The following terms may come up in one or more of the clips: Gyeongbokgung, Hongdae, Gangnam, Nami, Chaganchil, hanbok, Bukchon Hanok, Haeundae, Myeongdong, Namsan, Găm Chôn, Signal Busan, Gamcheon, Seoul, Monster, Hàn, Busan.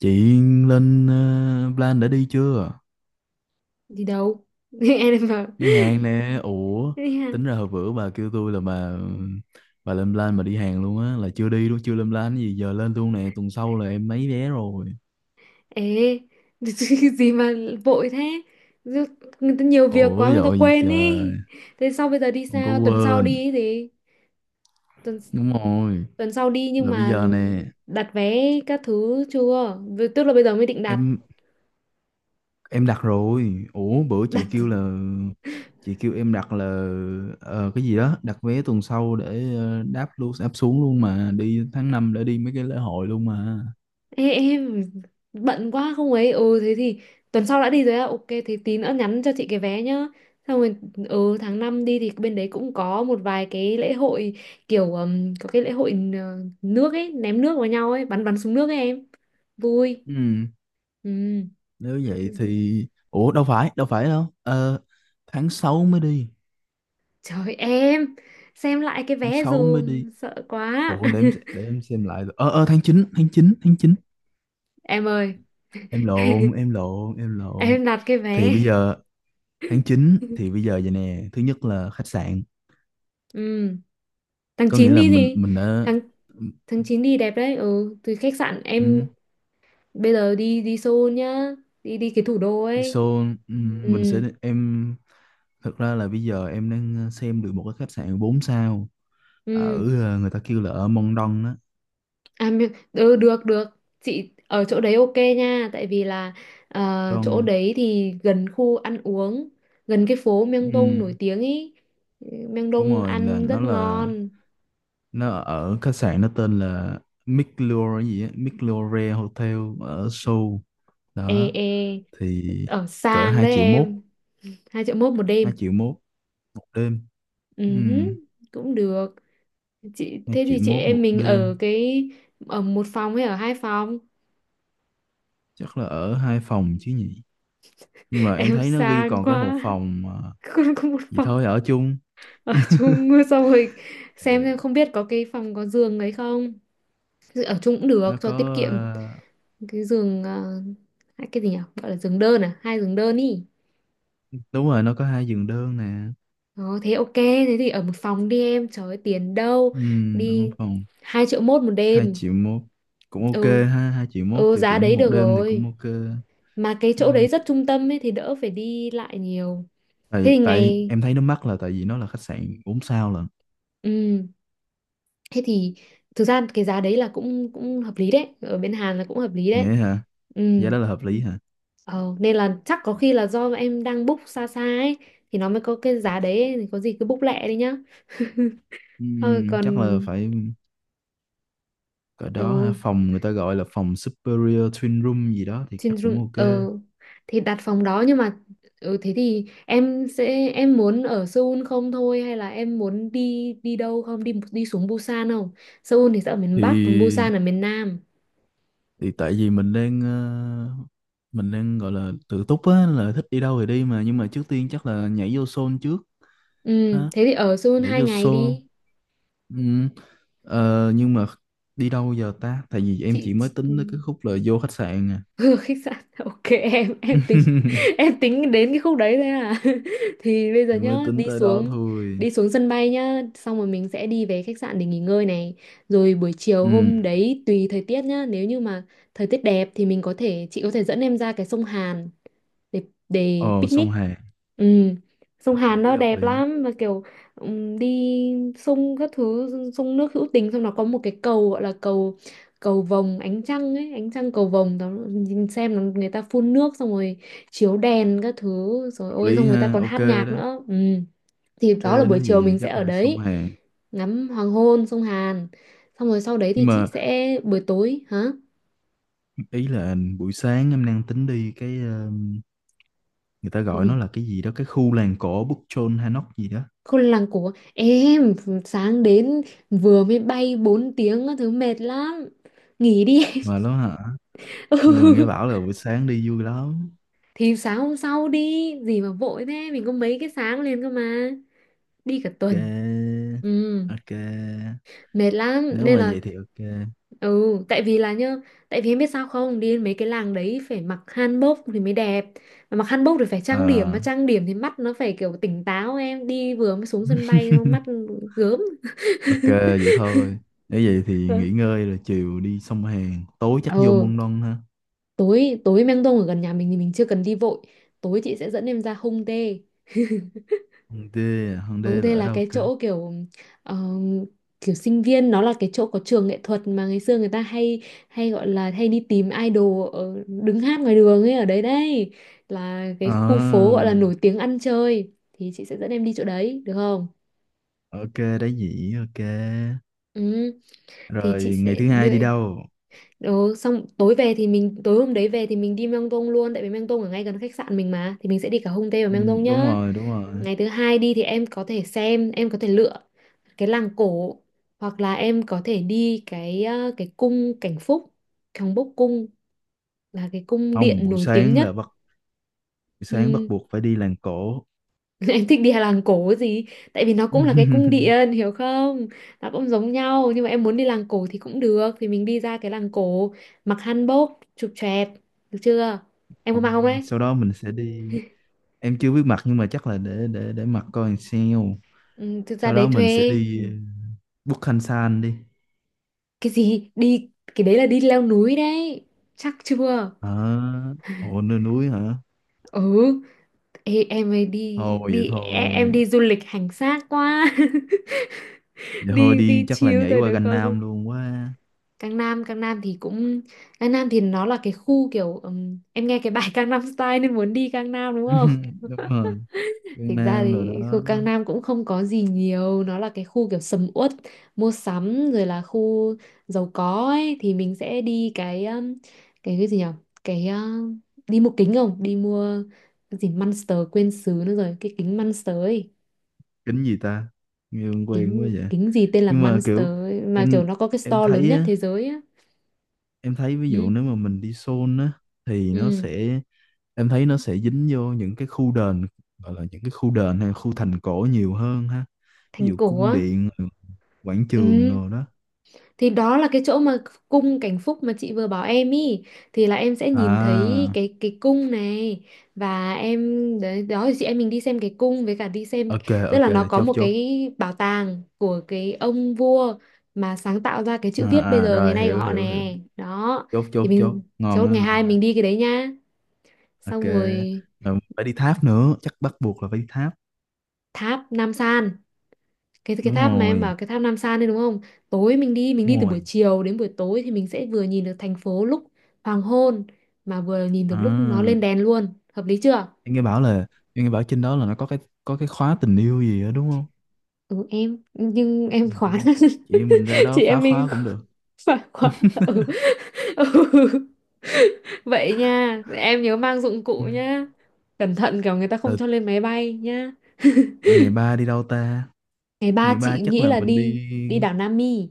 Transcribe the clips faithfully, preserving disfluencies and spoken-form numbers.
Chị lên uh, plan đã đi chưa? Đi đâu em bảo? Đi hàng. Ừ, nè. Ủa, Ê, hả? tính ra hồi bữa bà kêu tôi là bà bà lên plan mà đi hàng luôn á, là chưa đi luôn, chưa lên plan cái gì, giờ lên luôn nè, tuần sau là em lấy vé rồi. Ê, gì mà vội thế? Người ta nhiều việc Ủa quá người ta dội gì quên trời, ý. Thế sau bây giờ đi không có sao, tuần sau đi quên. ý gì? tuần Đúng rồi, tuần sau đi nhưng là bây mà giờ nè, đặt vé các thứ chưa? Vì- tức là bây giờ mới định đặt. em em đặt rồi. Ủa bữa chị đặt kêu là chị kêu em đặt là ờ, cái gì đó, đặt vé tuần sau để ờ, đáp luôn, đáp xuống luôn mà đi tháng năm để đi mấy cái lễ hội luôn mà. Ê, em bận quá không ấy, ừ thế thì tuần sau đã đi rồi á, ok, thế tí nữa nhắn cho chị cái vé nhá, xong rồi. Ừ, tháng năm đi thì bên đấy cũng có một vài cái lễ hội, kiểu ừm, có cái lễ hội, ờ, nước ấy, ném nước vào nhau ấy, bắn bắn súng nước ấy em, vui. Ừ. Ừ. Nếu vậy thì Ủa đâu phải đâu phải đâu Ờ, tháng sáu mới đi, Trời em, xem lại cái tháng vé sáu mới đi dùm, sợ quá. Ủa để em se- để em xem lại. Ờ ờ tháng chín tháng chín tháng chín Em ơi, em lộn em lộn em lộn em đặt cái Thì vé. bây giờ tháng chín, thì bây giờ vậy nè, thứ nhất là khách sạn, Ừ. tháng có nghĩa chín là đi mình gì? mình đã Tháng tháng chín đi đẹp đấy, ừ, từ khách sạn em ừ, bây giờ đi đi Seoul nhá, đi đi cái thủ đô đi ấy. show. Ừ, Ừ, mình sẽ em thực ra là bây giờ em đang xem được một cái khách sạn bốn sao ở, ừ. ờ, người ta kêu là ở Mont Don á. à mi- ừ, được được, chị ở chỗ đấy, ok nha, tại vì là, ờ, chỗ Don, đấy thì gần khu ăn uống, gần cái phố Myeongdong nổi ừ, tiếng ý. đúng Myeongdong rồi, là ăn nó rất là ngon. nó ở khách sạn, nó tên là Miclure gì á, Miclure Hotel ở Seoul Ê, đó. ê, Thì ở cỡ sang hai đấy triệu mốt, em, hai triệu mốt một hai đêm triệu mốt một đêm. Ừ, Ừ hứ, cũng được. Chị, hai thế triệu thì chị mốt em một mình ở đêm. cái, ở một phòng hay ở hai phòng? Chắc là ở hai phòng chứ nhỉ, nhưng mà em Em thấy nó ghi sang còn có một quá, phòng à, không có một gì phòng. thôi ở chung. Ở chung, xong rồi xem xem Ừ, không biết có cái phòng có giường đấy không. Ở chung cũng được nó cho tiết có, kiệm, ờ, cái giường, ờ, cái gì nhỉ, gọi là giường đơn à, hai giường đơn ý. đúng rồi nó có hai giường đơn nè. Đó, thế ok, thế thì ở một phòng đi em, trời ơi, tiền đâu Ừ, ở đi. phòng hai triệu mốt một hai đêm triệu mốt cũng ok Ừ, ha, hai triệu mốt ừ, thì giá cũng đấy một được đêm thì cũng rồi, ok. mà cái chỗ đấy rất trung tâm ấy thì đỡ phải đi lại nhiều. Thế tại thì tại ngày, em thấy nó mắc là tại vì nó là khách sạn bốn sao lận. ừ. Thế thì thực ra cái giá đấy là cũng cũng hợp lý đấy, ở bên Hàn là cũng hợp lý đấy. Nhé hả, Ừ. giá đó là hợp lý hả? Ờ, nên là chắc có khi là do em đang book xa xa ấy thì nó mới có cái giá đấy ấy, thì có gì cứ book lẹ đi nhá. Thôi Ừm, chắc là còn, phải cỡ đó ha. ừ, Phòng người ta gọi là phòng Superior Twin Room gì đó thì trên chắc room, cũng ok. ờ thì đặt phòng đó. Nhưng mà ừ, thế thì em sẽ, em muốn ở Seoul không thôi hay là em muốn đi, đi đâu không, đi đi xuống Busan không? Seoul thì sẽ ở miền Bắc, còn thì Busan ở miền Nam. thì tại vì mình đang ờ, mình đang gọi là tự túc á, là thích đi đâu thì đi, mà nhưng mà trước tiên chắc là nhảy vô Seoul trước Ừ, ha, thế thì ở Seoul nhảy hai vô ngày Seoul. đi. Ừm, ờ, nhưng mà đi đâu giờ ta, tại vì em chị, chỉ mới chị... tính tới cái khúc là vô khách sạn à. Ừ, khách sạn, ok, em em tính, em tính đến cái khúc đấy thôi à? Thì bây giờ Thì mới nhá, tính đi tới đó xuống, thôi. đi xuống sân bay nhá, xong rồi mình sẽ đi về khách sạn để nghỉ ngơi này, rồi buổi chiều Ừ. hôm đấy tùy thời tiết nhá, nếu như mà thời tiết đẹp thì mình có thể, chị có thể dẫn em ra cái sông Hàn để để Ồ, sông picnic. Hàn. Ừ. Sông hợp Hàn lý nó hợp đẹp lý lắm, mà kiểu ừm, đi sông các thứ, sông nước hữu tình, xong nó có một cái cầu gọi là cầu cầu vồng ánh trăng ấy, ánh trăng cầu vồng đó, nhìn xem nó người ta phun nước, xong rồi chiếu đèn các thứ rồi hợp ôi, lý xong người ta ha, còn ok hát nhạc đó. nữa. Ừ. Thì đó là Ok, buổi nói chiều gì mình sẽ chắc ở là sông đấy, Hàn. ngắm hoàng hôn sông Hàn, xong rồi sau đấy thì Nhưng chị mà sẽ, buổi tối hả. ý là buổi sáng em đang tính đi cái ờ, người ta Cái gọi gì? nó là cái gì đó, cái khu làng cổ Bukchon Hanok gì đó Khôn làng của em sáng đến, vừa mới bay bốn tiếng á, thứ mệt lắm, nghỉ đi em. mà đó hả. Nhưng mà nghe Ừ. bảo là buổi sáng đi vui lắm. Thì sáng hôm sau đi, gì mà vội thế, mình có mấy cái sáng liền cơ mà, đi cả Ok, tuần. Ừ. ok, Mệt lắm nếu nên mà là, vậy thì ok. ừ tại vì là nhá, tại vì em biết sao không, đi đến mấy cái làng đấy phải mặc hanbok thì mới đẹp, mà mặc hanbok thì phải trang điểm, mà À, trang điểm thì mắt nó phải kiểu tỉnh táo, em đi vừa mới xuống sân bay mắt gớm. ok vậy thôi, nếu vậy thì nghỉ ngơi rồi chiều đi sông Hàn, tối chắc vô Ừ, Môn Đông ha. tối, tối Meng Dong ở gần nhà mình thì mình chưa cần đi vội, tối chị sẽ dẫn em ra Hung Dae. Hòn Đê, à? Hòn Hung Đê là Dae ở là đâu cái cơ? chỗ kiểu ờm, kiểu sinh viên, nó là cái chỗ có trường nghệ thuật mà ngày xưa người ta hay, hay gọi là hay đi tìm idol ở, đứng hát ngoài đường ấy, ở đấy đây là cái khu phố À, gọi là nổi tiếng ăn chơi, thì chị sẽ dẫn em đi chỗ đấy được không? ok, Đá Nhĩ, ok. Ừ, thì chị Rồi ngày sẽ thứ hai đưa đi đâu? đồ, xong tối về thì mình, tối hôm đấy về thì mình đi Myeongdong luôn, tại vì Myeongdong ở ngay gần khách sạn mình mà, thì mình sẽ đi cả Hongdae và Ừ, Myeongdong đúng nhá. rồi, đúng rồi. Ngày thứ hai đi thì em có thể xem, em có thể lựa cái làng cổ, hoặc là em có thể đi cái, ờ, cái cung Cảnh Phúc, 경복 Bốc cung là cái cung Không, điện buổi nổi tiếng sáng nhất. là bắt buổi sáng bắt Ừm, buộc phải đi làng cổ. em thích đi làng cổ gì? Tại vì nó cũng là cái cung điện, hiểu không? Nó cũng giống nhau nhưng mà em muốn đi làng cổ thì cũng được, thì mình đi ra cái làng cổ mặc hanbok, chụp choẹt, được chưa? Em có mặc không Rồi, đấy? sau đó mình sẽ đi. Em chưa biết mặt nhưng mà chắc là để để để mặt coi làm sao. Ừ, thực ra Sau đó đấy mình sẽ thuê. Ừ, đi Bút Khanh San đi. cái gì, đi cái đấy là đi leo núi đấy, chắc chưa. Hả? Ồ, nơi núi hả? Ừ, ê, em ấy đi Thôi vậy đi, e- em thôi. đi du lịch hành xác quá. Vậy thôi Đi đi đi chắc là chill nhảy thôi qua được Gành không? Nam luôn quá. Cang Nam, Cang Nam thì cũng, Cang Nam thì nó là cái khu kiểu ừm, em nghe cái bài Cang Nam Style nên muốn đi Cang Nam đúng không? Đúng rồi, Thực ra Gangnam Nam rồi thì khu đó. Cang Nam cũng không có gì nhiều, nó là cái khu kiểu sầm uất, mua sắm, rồi là khu giàu có ấy, thì mình sẽ đi cái ừm, cái cái gì nhỉ? Cái ờ, đi mua kính không? Đi mua cái gì Monster quên xứ nữa rồi, cái kính Monster ấy, Kính gì ta, nghe quen quen quá kính vậy. kính gì tên là Nhưng mà Monster kiểu ấy, mà kiểu em nó có cái em store lớn thấy nhất á, thế giới á. em thấy ví dụ Ừ, nếu mà mình đi Seoul á thì nó ừ, sẽ, em thấy nó sẽ dính vô những cái khu đền, gọi là những cái khu đền hay khu thành cổ nhiều hơn ha, ví thành dụ cổ cung á. điện, quảng trường Ừ, rồi đó. thì đó là cái chỗ mà cung Cảnh Phúc mà chị vừa bảo em ý, thì là em sẽ nhìn thấy À, cái cái cung này và em, đấy đó, thì chị em mình đi xem cái cung với cả đi xem, ok, tức là ok, nó có chốt một chốt cái bảo tàng của cái ông vua mà sáng tạo ra cái chữ À, viết bây à giờ ngày rồi nay của hiểu họ hiểu hiểu nè, đó. chốt Thì chốt chốt mình ngon chốt á, ngày hai ngon á. mình đi cái đấy nhá, Ok, xong rồi. rồi phải đi tháp nữa, chắc bắt buộc là phải đi tháp. Tháp Nam San, cái cái Đúng tháp mà em rồi, bảo, cái tháp Nam San đấy đúng không? Tối mình đi, mình đi đúng từ buổi rồi. chiều đến buổi tối thì mình sẽ vừa nhìn được thành phố lúc hoàng hôn, mà vừa nhìn được lúc nó lên À đèn luôn. Hợp lý chưa? em nghe bảo là Em nghe bảo trên đó là nó có cái có cái khóa tình yêu gì đó đúng không? Ừ, em nhưng em Ừ, khóa. chị em mình ra đó Chị phá em mình khóa cũng được. phải khóa. Ừ, ừ, vậy nha, em nhớ mang dụng cụ Ừ, nhá, cẩn thận kiểu người ta không rồi. cho lên máy bay nhá. À, ngày ba đi đâu ta? Ngày ba Ngày ba chị chắc nghĩ là là mình đi, đi. đi đảo Nam Mi,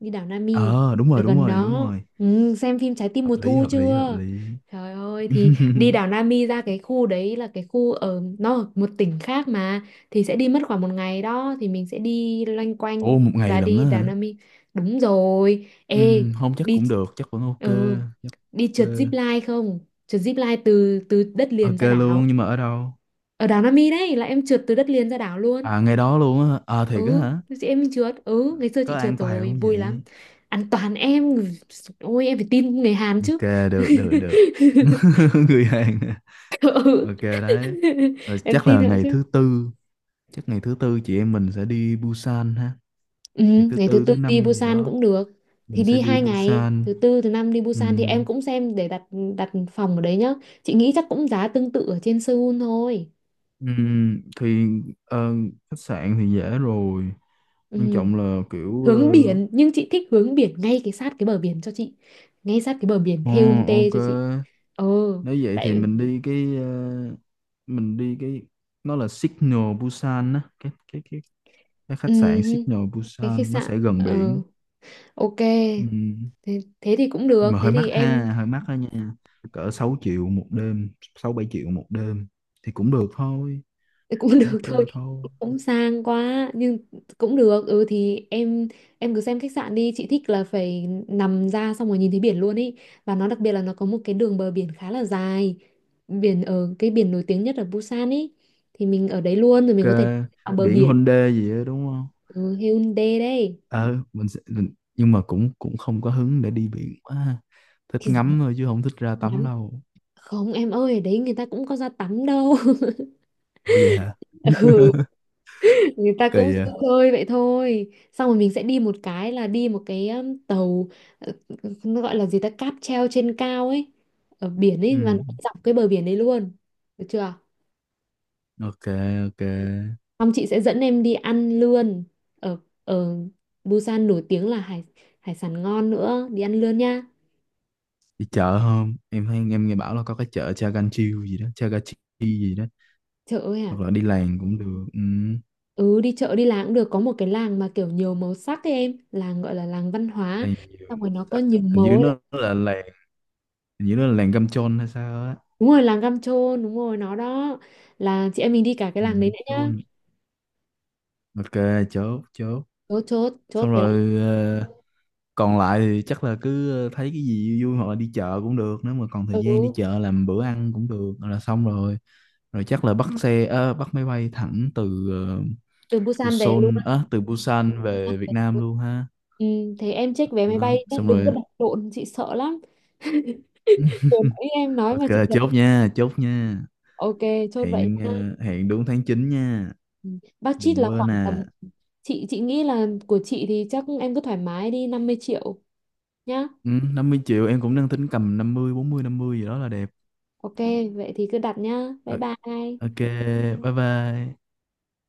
đi đảo Nami Ờ, đúng ở rồi, đúng gần rồi, đúng đó. rồi. Ừ, xem phim Trái tim Hợp mùa lý, thu hợp lý, hợp chưa, lý. trời ơi, thì đi đảo Nami, ra cái khu đấy là cái khu ở, nó ở một tỉnh khác mà, thì sẽ đi mất khoảng một ngày đó, thì mình sẽ đi loanh quanh Ô, một ngày và lận đi á đảo hả? Nami, đúng rồi. Ừ, Ê, không chắc đi, cũng được, chắc vẫn ok, ừ, chắc đi ok. trượt zip line không, trượt zip line từ từ đất liền Ok ra luôn đảo, nhưng mà ở đâu? ở đảo Nami đấy, là em trượt từ đất liền ra đảo luôn. À, ngày đó luôn á hả? À thiệt á Ừ, hả? chị em mình trượt, ừ ngày xưa chị Có trượt an toàn rồi không vui lắm. vậy? Ăn toàn em, ôi em phải tin người Hàn chứ. Ok, được, được, được. Người Hàn à? Ừ, Ok đấy. Rồi em chắc là tin họ ngày chứ. thứ tư, chắc ngày thứ tư chị em mình sẽ đi Busan ha, Ừ, ngày thứ ngày thứ tư tư thứ đi năm gì Busan đó cũng được, mình thì sẽ đi đi hai ngày Busan. thứ tư thứ năm đi Busan thì Ừm, em cũng xem để đặt, đặt phòng ở đấy nhá, chị nghĩ chắc cũng giá tương tự ở trên Seoul thôi. ừm, thì ờ, khách sạn thì dễ rồi, quan Ừ, trọng là kiểu ờ, hướng biển, nhưng chị thích hướng biển ngay cái sát cái bờ biển cho chị, ngay sát cái bờ biển ờ, Haeundae ok. cho chị. Ờ, Nếu vậy thì tại, mình đi cái ờ, mình đi cái nó là Signal Busan á, cái cái cái cái ừ, khách sạn Signal cái khách Busan nó sạn sẽ gần ờ biển. ok. Ừ. Thế, thế thì cũng Nhưng được, mà thế hơi thì mắc em, ha, hơi mắc đó nha. Cỡ sáu triệu một đêm, sáu bảy triệu một đêm thì cũng được thôi, cũng cũng được thôi, ok thôi. cũng sang quá nhưng cũng được. Ừ thì em em cứ xem khách sạn đi, chị thích là phải nằm ra xong rồi nhìn thấy biển luôn ý, và nó đặc biệt là nó có một cái đường bờ biển khá là dài, biển ở, cái biển nổi tiếng nhất ở Busan ý, thì mình ở đấy luôn rồi Ok, mình có thể ở bờ biển biển. Hyundai gì đó đúng không? Ừ, Hyundai đây. Ờ, mình sẽ, mình nhưng mà cũng cũng không có hứng để đi biển quá ha. Thích Thì gì ngắm thôi chứ không thích ra tắm lắm, đâu. không em ơi, ở đấy người ta cũng có ra tắm đâu. Ủa vậy hả? Ừ, người ta cũng Kỳ vậy. chơi chơi vậy thôi, xong rồi mình sẽ đi một cái là đi một cái um, tàu, ờ, nó gọi là gì ta, cáp treo trên cao ấy, ở biển ấy và nó Ừ. dọc cái bờ biển đấy luôn. Được chưa? Ok, ok. Xong chị sẽ dẫn em đi ăn lươn, ở, ở Busan nổi tiếng là hải hải sản ngon nữa, đi ăn lươn nha. Đi chợ không? Em thấy em nghe bảo là có cái chợ Chaganchil gì đó, Chagachi gì đó, Chợ ấy à? hoặc là đi làng cũng được. Ừ. Ừ, đi chợ đi làng cũng được, có một cái làng mà kiểu nhiều màu sắc ấy em, làng gọi là làng văn hóa, Làng nhiều xong rồi nó có sắc, nhiều hình màu như ấy. nó là làng, hình như nó là làng Găm Chôn hay sao á. Đúng rồi, làng Găm Trôn, đúng rồi, nó đó. Là chị em mình đi cả cái Ừ, làng đấy nữa nhá. Chôn, ok, chốt chốt. Chốt, chốt, chốt Xong cái làng. rồi ờ, còn lại thì chắc là cứ ờ, thấy cái gì vui vui hoặc là đi chợ cũng được, nếu mà còn thời gian đi Ừ, chợ làm bữa ăn cũng được là xong rồi. Rồi chắc là bắt xe ờ, bắt máy bay thẳng từ ờ, từ từ Busan về luôn. Seoul á từ Busan về Việt Nam luôn ha. Ừ, thế em check vé máy Đó, bay nhé, xong đừng có rồi, đặt lộn, chị sợ lắm. Vừa nãy em nói mà ok, chị sợ. chốt nha, chốt nha. Ok, chốt vậy Hẹn, nha. ờ, hẹn đúng tháng chín nha, Ừ. Budget đừng là khoảng quên tầm, à. chị chị nghĩ là của chị thì chắc em cứ thoải mái đi năm mươi triệu nhá. Ừ, năm mươi triệu em cũng đang tính cầm năm mươi, bốn mươi, năm mươi gì đó là đẹp. Ok, vậy thì cứ đặt nhá. Bye Ừ, bye. ok, bye bye.